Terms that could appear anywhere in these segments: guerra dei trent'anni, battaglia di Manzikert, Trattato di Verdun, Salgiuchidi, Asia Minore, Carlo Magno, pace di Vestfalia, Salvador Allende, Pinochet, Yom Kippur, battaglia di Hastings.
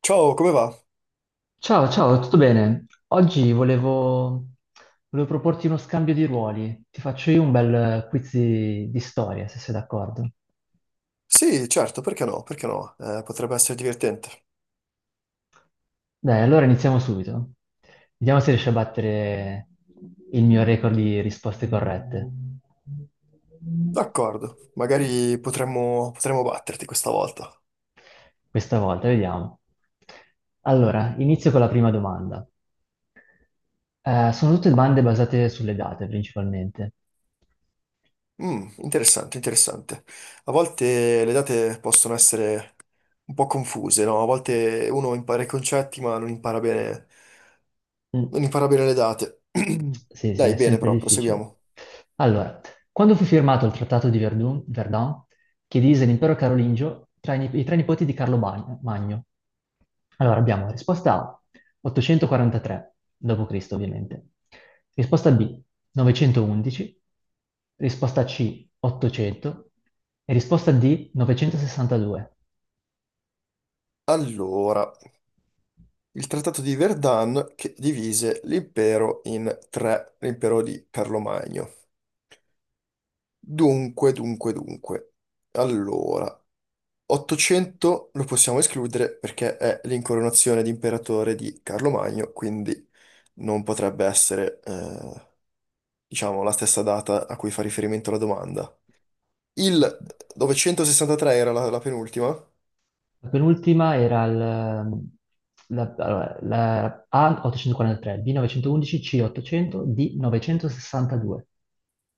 Ciao, come va? Ciao, ciao, tutto bene? Oggi volevo proporti uno scambio di ruoli. Ti faccio io un bel quiz di storia, se sei d'accordo. Sì, certo, perché no? Perché no? Potrebbe essere divertente. Dai, allora iniziamo subito. Vediamo se riesci a battere il mio record di risposte corrette. D'accordo, magari potremmo batterti questa volta. Questa volta, vediamo. Allora, inizio con la prima domanda. Sono tutte domande basate sulle date, principalmente. Mm, interessante, interessante. A volte le date possono essere un po' confuse, no? A volte uno impara i concetti ma Mm. non impara bene le date. Sì, sì, è Dai, bene, sempre però, difficile. proseguiamo. Allora, quando fu firmato il Trattato di Verdun, che divise l'impero carolingio tra i tre nipoti di Carlo Magno? Allora, abbiamo risposta A, 843 d.C., ovviamente. Risposta B, 911. Risposta C, 800. E risposta D, 962. Allora, il Trattato di Verdun che divise l'impero in tre, l'impero di Carlo Magno. Dunque. Allora, 800 lo possiamo escludere perché è l'incoronazione di imperatore di Carlo Magno, quindi non potrebbe essere, diciamo, la stessa data a cui fa riferimento la domanda. Il 963 era la penultima. La penultima era la A843, B911, C800, D962,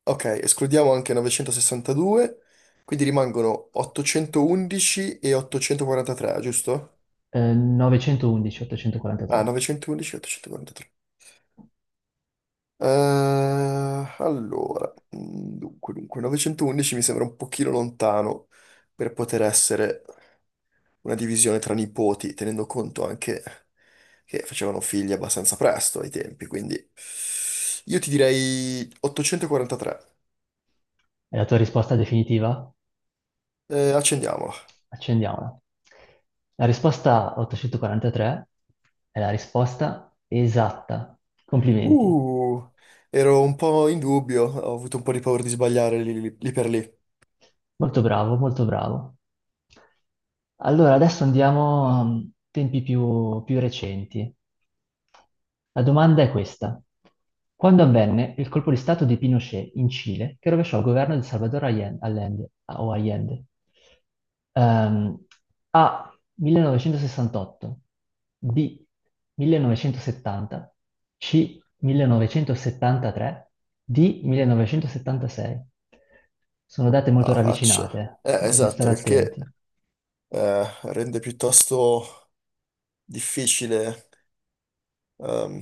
Ok, escludiamo anche 962, quindi rimangono 811 e 843, giusto? 911, Ah, 843. 911 e 843. Allora, 911 mi sembra un pochino lontano per poter essere una divisione tra nipoti, tenendo conto anche che facevano figli abbastanza presto ai tempi, quindi io ti direi 843. È la tua risposta definitiva? Accendiamola. Accendiamola. La risposta 843 è la risposta esatta. Complimenti. Uh, ero un po' in dubbio, ho avuto un po' di paura di sbagliare lì per lì. Molto bravo, molto bravo. Allora, adesso andiamo a tempi più recenti. La domanda è questa. Quando avvenne il colpo di stato di Pinochet in Cile, che rovesciò il governo di Salvador Allende, o Allende? Ehm, A. 1968, B. 1970, C. 1973 di 1976. Sono date molto Ah, faccia. ravvicinate, Eh, bisogna stare esatto, il che attenti. eh, rende piuttosto difficile, ehm,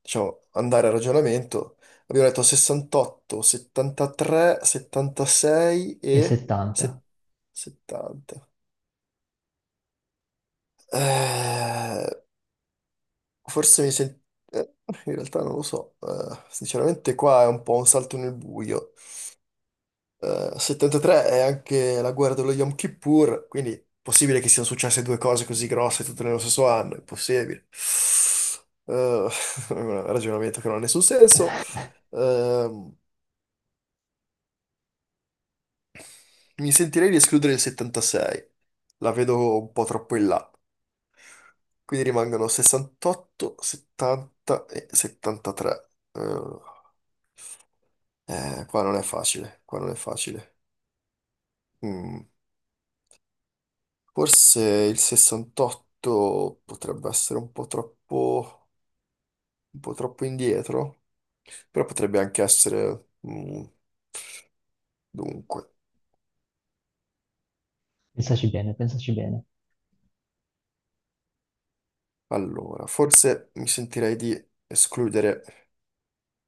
diciamo, andare a ragionamento. Abbiamo detto 68, 73, 76 E e 70. set- 70. Eh, forse mi sento. In realtà non lo so. Sinceramente qua è un po' un salto nel buio. 73 è anche la guerra dello Yom Kippur, quindi è possibile che siano successe due cose così grosse tutte nello stesso anno, è possibile. Eh, è un ragionamento che non ha nessun senso. Ehm, Mi sentirei di escludere il 76. La vedo un po' troppo in là. Quindi rimangono 68, 70 e 73. Qua non è facile, qua non è facile. Mm, Forse il 68 potrebbe essere un po' troppo indietro, però potrebbe anche essere. Dunque, Pensaci bene, pensaci bene. allora, forse mi sentirei di escludere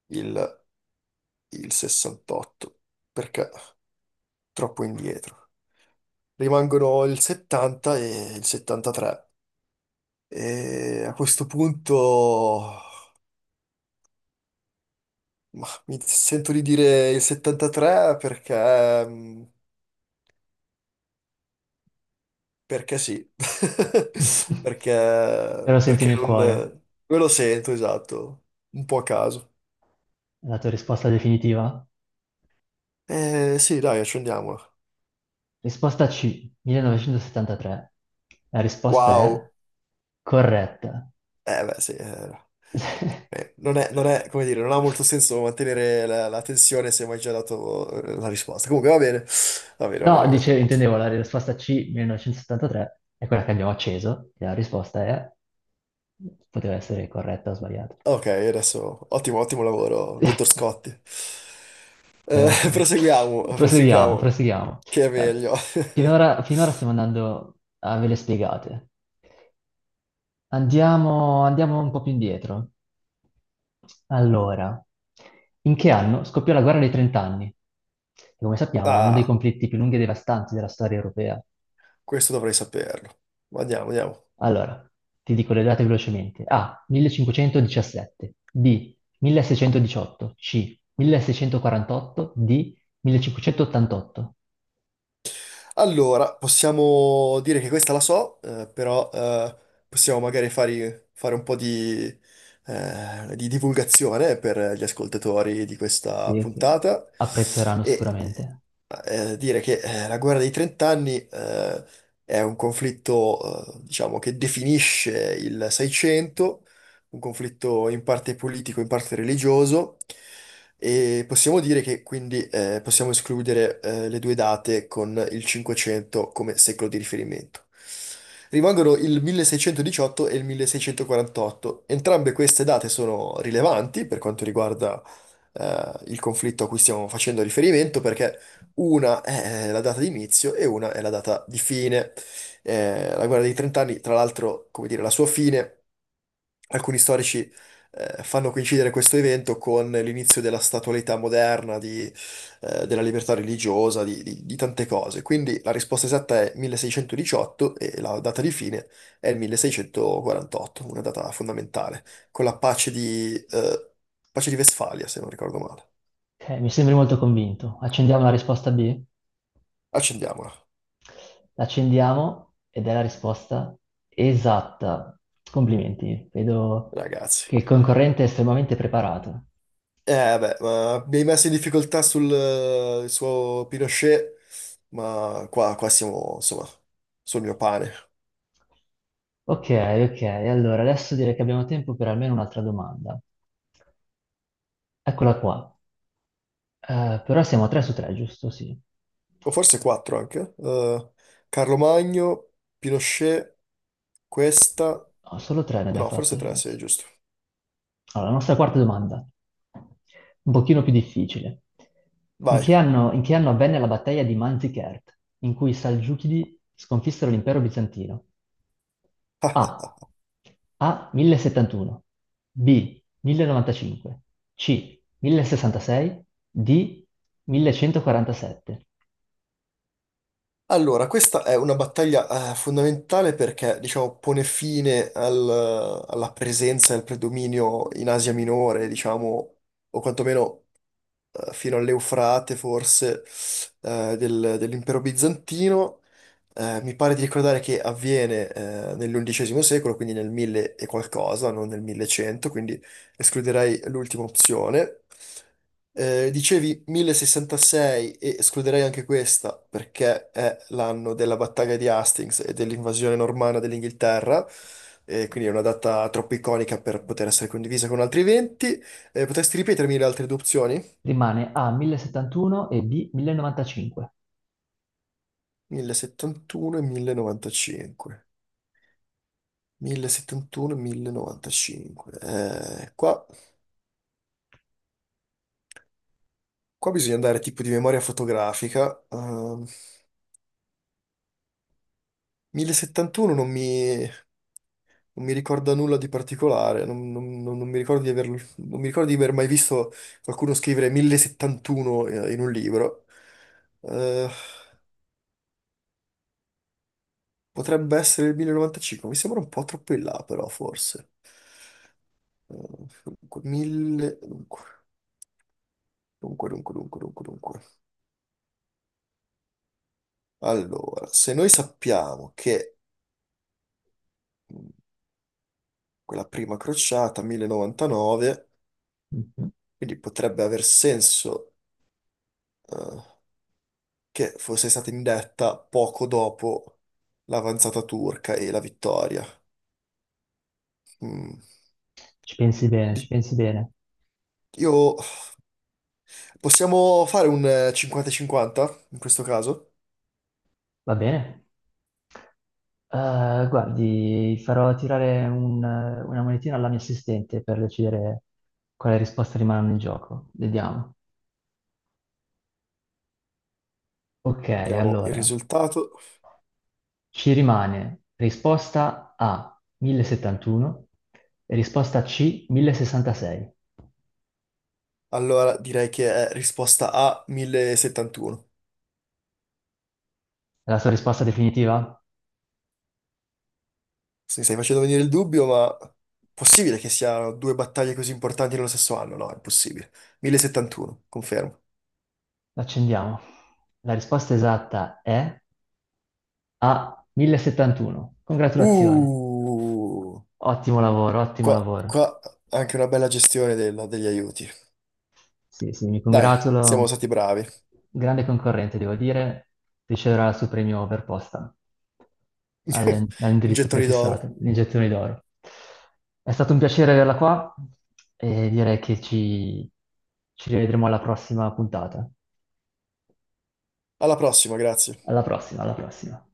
il il 68, perché troppo indietro. Rimangono il 70 e il 73. E a questo punto, ma mi sento di dire il 73 perché, perché sì, Però perché, senti perché nel non cuore me lo sento, esatto, un po' a caso. la tua risposta definitiva. Sì, dai, accendiamola. Risposta C, 1973. La risposta è Wow, corretta. eh beh sì. Non è, come dire, non ha molto senso mantenere la tensione se mi hai già dato, la risposta. Comunque va bene, va bene, va No, bene, va bene. dice, intendevo la risposta C, 1973, è quella che abbiamo acceso, e la risposta è poteva essere corretta o sbagliata. Ok, adesso ottimo, ottimo lavoro, dottor Scotti. Prego, prego. Proseguiamo, Proseguiamo, proseguiamo, proseguiamo. che è Eh, meglio. finora, finora stiamo andando a ve le spiegate. Andiamo, andiamo un po' più indietro. Allora, in che anno scoppiò la guerra dei trent'anni? Che come sappiamo è uno dei Ah, conflitti più lunghi e devastanti della storia europea. questo dovrei saperlo. Andiamo, andiamo. Allora, ti dico le date velocemente. A. 1517. B. 1618. C. 1648. D. 1588. Allora, possiamo dire che questa la so, però possiamo magari fare un po' di, divulgazione per gli ascoltatori di Sì, questa che puntata, apprezzeranno e sicuramente. Dire che la guerra dei trent'anni è un conflitto, diciamo, che definisce il Seicento, un conflitto in parte politico, in parte religioso. E possiamo dire che quindi possiamo escludere le due date con il 500 come secolo di riferimento. Rimangono il 1618 e il 1648. Entrambe queste date sono rilevanti per quanto riguarda il conflitto a cui stiamo facendo riferimento, perché una è la data di inizio e una è la data di fine. La guerra dei trent'anni, tra l'altro, come dire, la sua fine, alcuni storici fanno coincidere questo evento con l'inizio della statualità moderna, di, della libertà religiosa, di tante cose. Quindi la risposta esatta è 1618 e la data di fine è il 1648, una data fondamentale, con la pace di Vestfalia, se non ricordo male. Ok, mi sembri molto convinto. Accendiamo la risposta B? Accendiamola, L'accendiamo ed è la risposta esatta. Complimenti, vedo ragazzi. che il concorrente è estremamente preparato. Beh, ma mi hai messo in difficoltà sul il suo Pinochet. Ma qua siamo, insomma, sul mio pane. Ok, ok, allora adesso direi che abbiamo tempo per almeno un'altra domanda. Eccola qua. Però siamo a 3 su 3, giusto? Sì. O forse quattro anche. Carlo Magno, Pinochet, questa. No, solo 3 ne abbiamo No, fatte. forse tre, fino- sì, è sì. giusto. Allora, la nostra quarta domanda, un pochino più difficile. In Vai. che anno, in che anno avvenne la battaglia di Manzikert, in cui i Salgiuchidi sconfissero l'impero bizantino? A. A. 1071. B. 1095. C. 1066. D. 1147. Allora, questa è una battaglia fondamentale perché, diciamo, pone fine alla presenza e al predominio in Asia Minore, diciamo, o quantomeno fino all'Eufrate, forse, dell'impero bizantino. Mi pare di ricordare che avviene nell'undicesimo secolo, quindi nel 1000 e qualcosa, non nel 1100, quindi escluderei l'ultima opzione. Dicevi 1066, e escluderei anche questa perché è l'anno della battaglia di Hastings e dell'invasione normanna dell'Inghilterra, e quindi è una data troppo iconica per poter essere condivisa con altri eventi. Potresti ripetermi le altre due opzioni? Rimane A. 1071 e B. 1095. 1071 e 1095. 1071 e 1095. Qua bisogna andare tipo di memoria fotografica. 1071 non mi ricorda nulla di particolare, non, non- non- non mi ricordo di averlo- non mi ricordo di aver mai visto qualcuno scrivere 1071 in un libro. Eh, potrebbe essere il 1095, mi sembra un po' troppo in là però, forse. Eh, Dunque, 1000. Dunque. Allora, se noi sappiamo che mh, quella prima crociata, 1099, Mhm. quindi potrebbe aver senso eh, che fosse stata indetta poco dopo l'avanzata turca e la vittoria. Mm. Ci pensi bene, ci Di- pensi bene. Io. Possiamo fare un 50-50 in questo caso? Va bene? Guardi, farò tirare una monetina alla mia assistente per decidere quale risposta rimane in gioco. Vediamo. Ok, Vediamo il allora. risultato. Ci rimane risposta A 1071 e risposta C 1066. Allora, direi che è risposta A 1071. È la sua risposta definitiva? Mi stai facendo venire il dubbio, ma possibile che siano due battaglie così importanti nello stesso anno? No, è impossibile. 1071, confermo. L'accendiamo. La risposta esatta è A 1071. Congratulazioni. Uh, Ottimo lavoro, ottimo qua, lavoro. qua anche una bella gestione degli aiuti. Sì, sì, mi Dai, siamo congratulo. stati bravi. Grande concorrente, devo dire, riceverà il suo premio per posta. alle- all'indirizzo Iniettoni d'oro. prefissato, l'iniezione d'oro. È stato un piacere averla qua e direi che ci rivedremo alla prossima puntata. Alla prossima, grazie. Alla prossima, alla prossima.